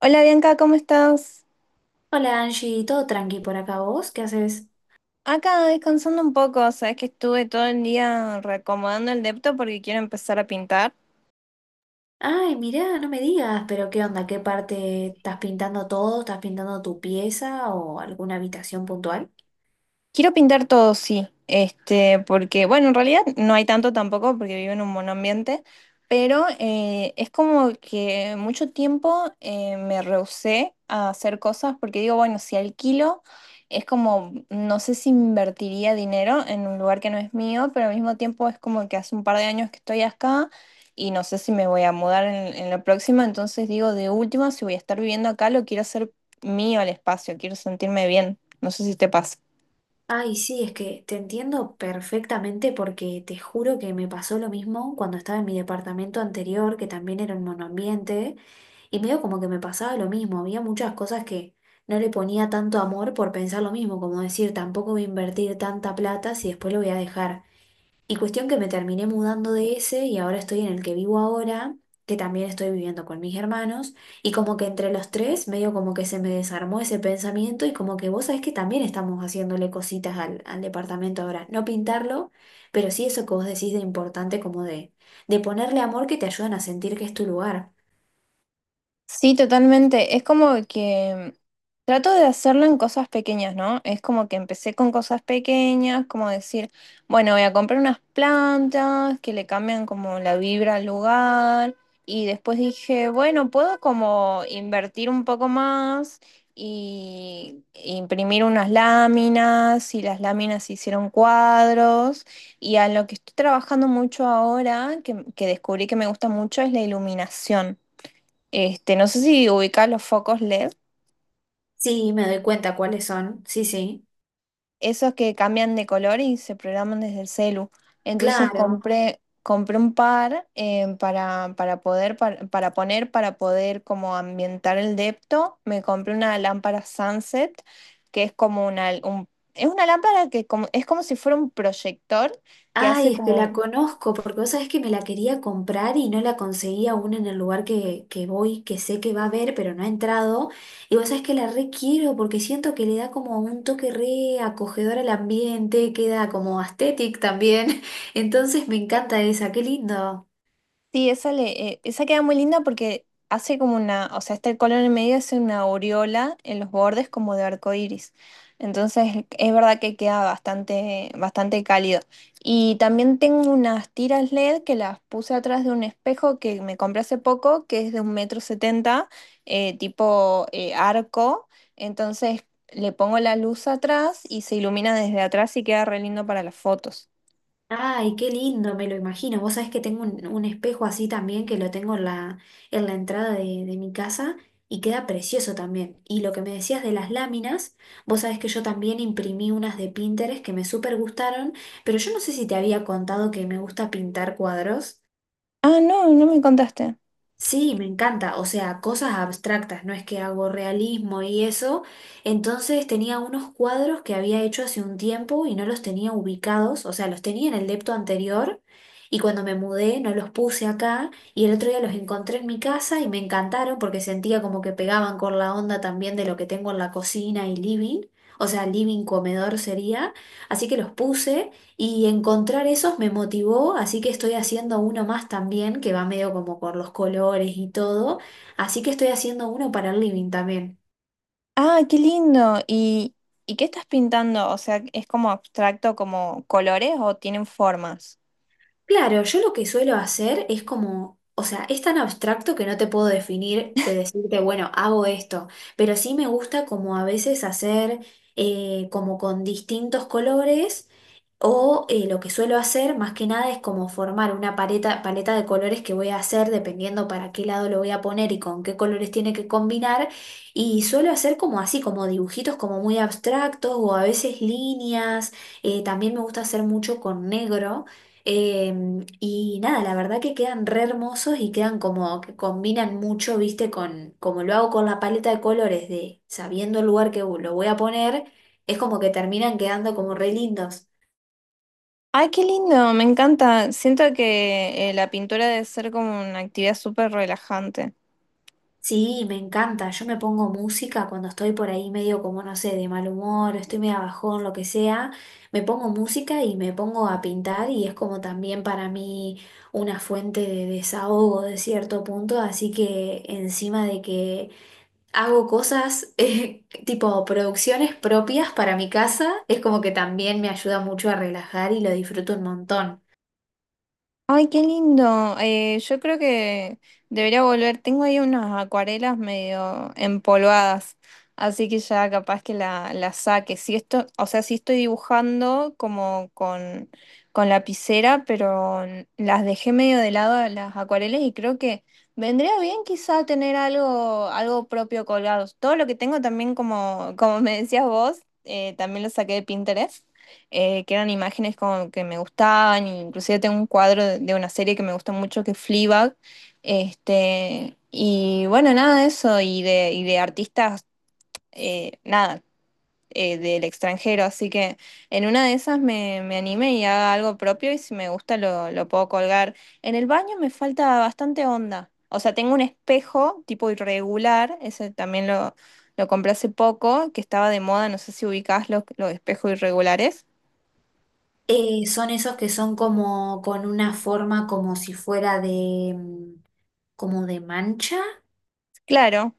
Hola Bianca, ¿cómo estás? Hola Angie, todo tranqui por acá, ¿vos qué haces? Acá descansando un poco, sabes que estuve todo el día reacomodando el depto porque quiero empezar a pintar. Ay, mirá, no me digas, pero ¿qué onda? ¿Qué parte estás pintando todo? ¿Estás pintando tu pieza o alguna habitación puntual? Quiero pintar todo, sí. Porque, bueno, en realidad no hay tanto tampoco porque vivo en un monoambiente, pero es como que mucho tiempo me rehusé a hacer cosas porque digo, bueno, si alquilo, es como, no sé si invertiría dinero en un lugar que no es mío, pero al mismo tiempo es como que hace un par de años que estoy acá y no sé si me voy a mudar en la próxima, entonces digo, de última, si voy a estar viviendo acá, lo quiero hacer mío el espacio, quiero sentirme bien. No sé si te pasa. Ay, sí, es que te entiendo perfectamente porque te juro que me pasó lo mismo cuando estaba en mi departamento anterior, que también era un monoambiente, y medio como que me pasaba lo mismo, había muchas cosas que no le ponía tanto amor por pensar lo mismo, como decir, tampoco voy a invertir tanta plata si después lo voy a dejar. Y cuestión que me terminé mudando de ese y ahora estoy en el que vivo ahora, que también estoy viviendo con mis hermanos, y como que entre los tres medio como que se me desarmó ese pensamiento y como que vos sabés que también estamos haciéndole cositas al departamento ahora, no pintarlo, pero sí eso que vos decís de importante como de ponerle amor que te ayudan a sentir que es tu lugar. Sí, totalmente. Es como que trato de hacerlo en cosas pequeñas, ¿no? Es como que empecé con cosas pequeñas, como decir, bueno, voy a comprar unas plantas que le cambian como la vibra al lugar. Y después dije, bueno, puedo como invertir un poco más y imprimir unas láminas y las láminas hicieron cuadros. Y a lo que estoy trabajando mucho ahora, que descubrí que me gusta mucho, es la iluminación. No sé si ubicás los focos LED, Sí, me doy cuenta cuáles son, sí, sí, esos que cambian de color y se programan desde el celu. Entonces claro. Compré un par para, para poner, para poder como ambientar el depto. Me compré una lámpara Sunset, que es como es una lámpara es como si fuera un proyector que hace Ay, es que como, la conozco, porque vos sabés que me la quería comprar y no la conseguí aún en el lugar que voy, que sé que va a haber, pero no ha entrado. Y vos sabés que la requiero porque siento que le da como un toque re acogedor al ambiente, queda como aesthetic también. Entonces me encanta esa, qué lindo. sí, esa queda muy linda porque hace como una, o sea, este color en el medio hace una aureola en los bordes como de arco iris. Entonces, es verdad que queda bastante, bastante cálido. Y también tengo unas tiras LED que las puse atrás de un espejo que me compré hace poco, que es de un metro setenta, tipo arco. Entonces, le pongo la luz atrás y se ilumina desde atrás y queda re lindo para las fotos. Ay, qué lindo, me lo imagino. Vos sabés que tengo un espejo así también que lo tengo en la entrada de mi casa y queda precioso también. Y lo que me decías de las láminas, vos sabés que yo también imprimí unas de Pinterest que me súper gustaron, pero yo no sé si te había contado que me gusta pintar cuadros. Ah, no, no me contaste. Sí, me encanta, o sea, cosas abstractas, no es que hago realismo y eso. Entonces tenía unos cuadros que había hecho hace un tiempo y no los tenía ubicados, o sea, los tenía en el depto anterior y cuando me mudé no los puse acá y el otro día los encontré en mi casa y me encantaron porque sentía como que pegaban con la onda también de lo que tengo en la cocina y living, o sea, living comedor sería, así que los puse. Y encontrar esos me motivó, así que estoy haciendo uno más también, que va medio como por los colores y todo. Así que estoy haciendo uno para el living también. Ah, qué lindo. ¿Y y qué estás pintando? O sea, ¿es como abstracto, como colores o tienen formas? Claro, yo lo que suelo hacer es como, o sea, es tan abstracto que no te puedo definir, de decirte, bueno, hago esto, pero sí me gusta como a veces hacer como con distintos colores o lo que suelo hacer más que nada es como formar una paleta, paleta de colores que voy a hacer dependiendo para qué lado lo voy a poner y con qué colores tiene que combinar y suelo hacer como así, como dibujitos como muy abstractos o a veces líneas, también me gusta hacer mucho con negro. Y nada, la verdad que quedan re hermosos y quedan como que combinan mucho, viste, con como lo hago con la paleta de colores de sabiendo el lugar que lo voy a poner, es como que terminan quedando como re lindos. Ay, qué lindo, me encanta. Siento que la pintura debe ser como una actividad súper relajante. Sí, me encanta. Yo me pongo música cuando estoy por ahí medio como, no sé, de mal humor, estoy medio bajón, lo que sea. Me pongo música y me pongo a pintar y es como también para mí una fuente de desahogo de cierto punto. Así que encima de que hago cosas tipo producciones propias para mi casa, es como que también me ayuda mucho a relajar y lo disfruto un montón. Ay, qué lindo. Yo creo que debería volver. Tengo ahí unas acuarelas medio empolvadas, así que ya capaz que la saque. Si esto, o sea, sí estoy dibujando con lapicera, pero las dejé medio de lado a las acuarelas y creo que vendría bien quizá tener algo propio colgado. Todo lo que tengo también, como me decías vos, también lo saqué de Pinterest, que eran imágenes como que me gustaban, e inclusive tengo un cuadro de una serie que me gusta mucho que es Fleabag. Y bueno, nada de eso, y de artistas nada, del extranjero, así que en una de esas me anime y haga algo propio y si me gusta lo puedo colgar. En el baño me falta bastante onda, o sea, tengo un espejo tipo irregular, ese también lo... Lo compré hace poco, que estaba de moda, no sé si ubicás los espejos irregulares. Son esos que son como con una forma como si fuera de, mm, como de mancha. Claro,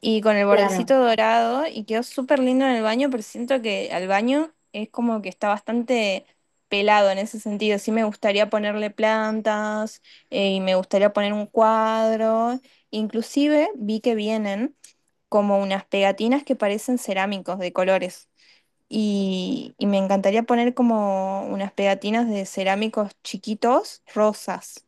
y con el Claro. bordecito dorado y quedó súper lindo en el baño, pero siento que al baño es como que está bastante pelado en ese sentido. Sí me gustaría ponerle plantas y me gustaría poner un cuadro. Inclusive vi que vienen como unas pegatinas que parecen cerámicos de colores. Y y me encantaría poner como unas pegatinas de cerámicos chiquitos, rosas.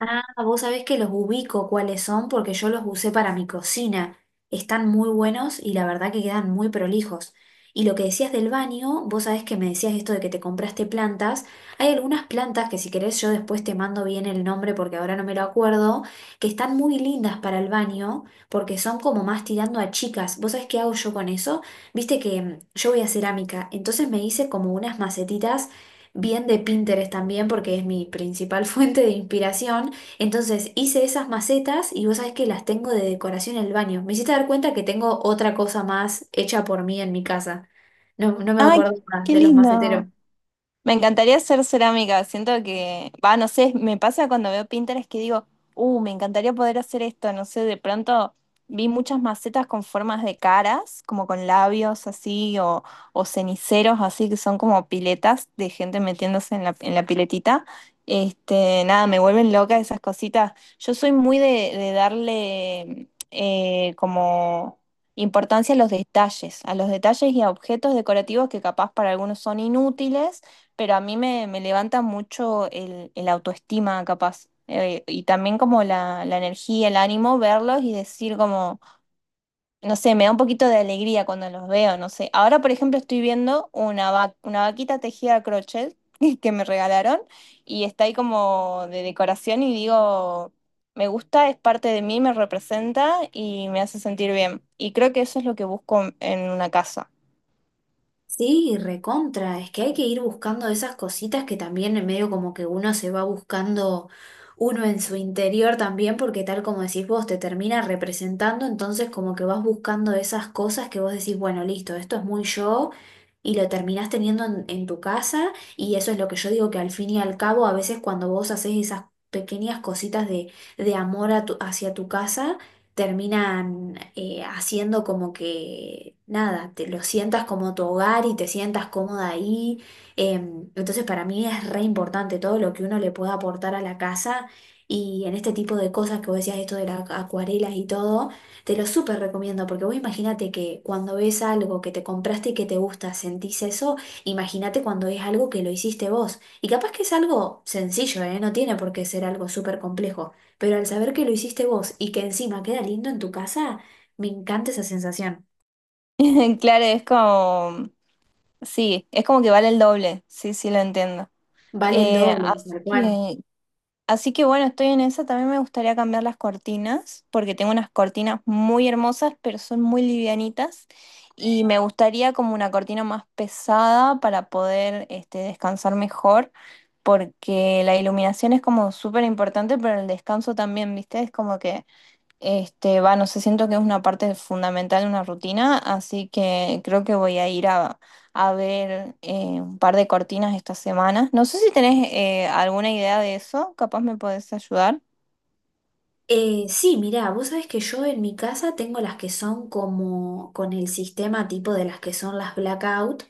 Ah, vos sabés que los ubico cuáles son porque yo los usé para mi cocina. Están muy buenos y la verdad que quedan muy prolijos. Y lo que decías del baño, vos sabés que me decías esto de que te compraste plantas. Hay algunas plantas que si querés yo después te mando bien el nombre porque ahora no me lo acuerdo, que están muy lindas para el baño porque son como más tirando a chicas. ¿Vos sabés qué hago yo con eso? Viste que mm, yo voy a cerámica, entonces me hice como unas macetitas bien de Pinterest también porque es mi principal fuente de inspiración. Entonces hice esas macetas y vos sabés que las tengo de decoración en el baño. Me hiciste dar cuenta que tengo otra cosa más hecha por mí en mi casa. No, no me ¡Ay, acordaba qué de los maceteros. lindo! Me encantaría hacer cerámica. Siento que, va, no sé, me pasa cuando veo Pinterest que digo, me encantaría poder hacer esto. No sé, de pronto vi muchas macetas con formas de caras, como con labios así, o ceniceros así, que son como piletas de gente metiéndose en en la piletita. Este, nada, Me vuelven loca esas cositas. Yo soy muy de darle como importancia a los detalles y a objetos decorativos que capaz para algunos son inútiles, pero a mí me levanta mucho el autoestima, capaz. Y también como la energía, el ánimo, verlos y decir como, no sé, me da un poquito de alegría cuando los veo, no sé. Ahora, por ejemplo, estoy viendo una vaquita tejida a crochet que me regalaron y está ahí como de decoración y digo, me gusta, es parte de mí, me representa y me hace sentir bien. Y creo que eso es lo que busco en una casa. Sí, recontra, es que hay que ir buscando esas cositas que también en medio como que uno se va buscando uno en su interior también, porque tal como decís vos, te termina representando, entonces como que vas buscando esas cosas que vos decís, bueno, listo, esto es muy yo, y lo terminás teniendo en tu casa, y eso es lo que yo digo que al fin y al cabo, a veces cuando vos haces esas pequeñas cositas de amor a tu- hacia tu casa, terminan haciendo como que, nada, te lo sientas como tu hogar y te sientas cómoda ahí. Entonces para mí es re importante todo lo que uno le pueda aportar a la casa y en este tipo de cosas que vos decías, esto de las acuarelas y todo, te lo súper recomiendo porque vos imagínate que cuando ves algo que te compraste y que te gusta, sentís eso, imagínate cuando es algo que lo hiciste vos. Y capaz que es algo sencillo, ¿eh? No tiene por qué ser algo súper complejo, pero al saber que lo hiciste vos y que encima queda lindo en tu casa, me encanta esa sensación. Claro, es como sí, es como que vale el doble, sí, sí lo entiendo. Vale el Eh, doble, así tal cual. que, así que bueno, estoy en esa, también me gustaría cambiar las cortinas, porque tengo unas cortinas muy hermosas, pero son muy livianitas, y me gustaría como una cortina más pesada para poder descansar mejor, porque la iluminación es como súper importante, pero el descanso también, ¿viste? Es como que no sé, siento que es una parte fundamental de una rutina, así que creo que voy a ir a ver un par de cortinas esta semana. No sé si tenés alguna idea de eso, capaz me podés ayudar. Sí, mirá, vos sabés que yo en mi casa tengo las que son como con el sistema tipo de las que son las blackout,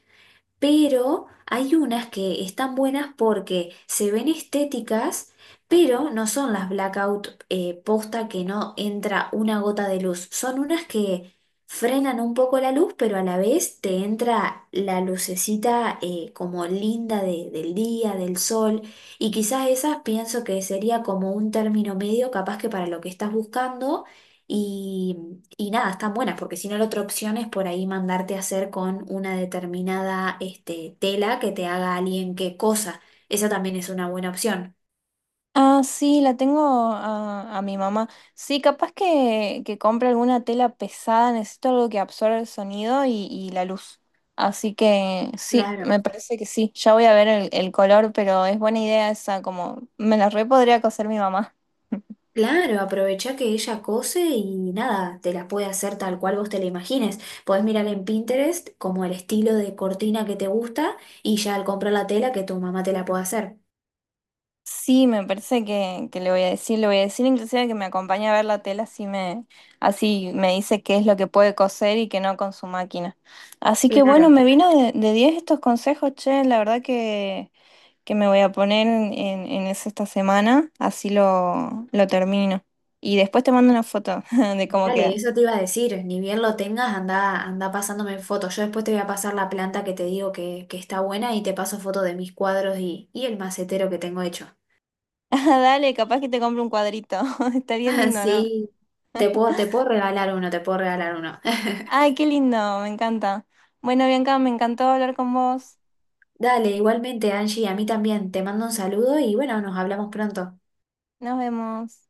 pero hay unas que están buenas porque se ven estéticas, pero no son las blackout, posta que no entra una gota de luz. Son unas que frenan un poco la luz, pero a la vez te entra la lucecita como linda de- del día, del sol, y quizás esas pienso que sería como un término medio capaz que para lo que estás buscando. Y nada, están buenas, porque si no la otra opción es por ahí mandarte a hacer con una determinada este, tela que te haga alguien que cosa. Esa también es una buena opción. Ah, sí, la tengo a mi mamá. Sí, capaz que compre alguna tela pesada, necesito algo que absorba el sonido y la luz. Así que sí, Claro. me parece que sí. Ya voy a ver el color, pero es buena idea esa, como me la re podría coser mi mamá. Claro, aprovecha que ella cose y nada, te la puede hacer tal cual vos te la imagines. Podés mirar en Pinterest como el estilo de cortina que te gusta y ya al comprar la tela que tu mamá te la pueda hacer. Sí, me parece que le voy a decir, le voy a decir inclusive que me acompañe a ver la tela, así me así me dice qué es lo que puede coser y que no con su máquina. Así que bueno, Claro. me vino de 10 estos consejos, che, la verdad que me voy a poner en eso esta semana, así lo termino. Y después te mando una foto de cómo Dale, queda. eso te iba a decir, ni bien lo tengas, anda, anda pasándome fotos. Yo después te voy a pasar la planta que te digo que está buena y te paso fotos de mis cuadros y el macetero que tengo hecho. Ah, dale, capaz que te compro un cuadrito, estaría lindo, ¿no? Sí, te puedo regalar uno, te puedo regalar uno. Ay, qué lindo, me encanta. Bueno, Bianca, me encantó hablar con vos, Dale, igualmente, Angie, a mí también. Te mando un saludo y bueno, nos hablamos pronto. nos vemos.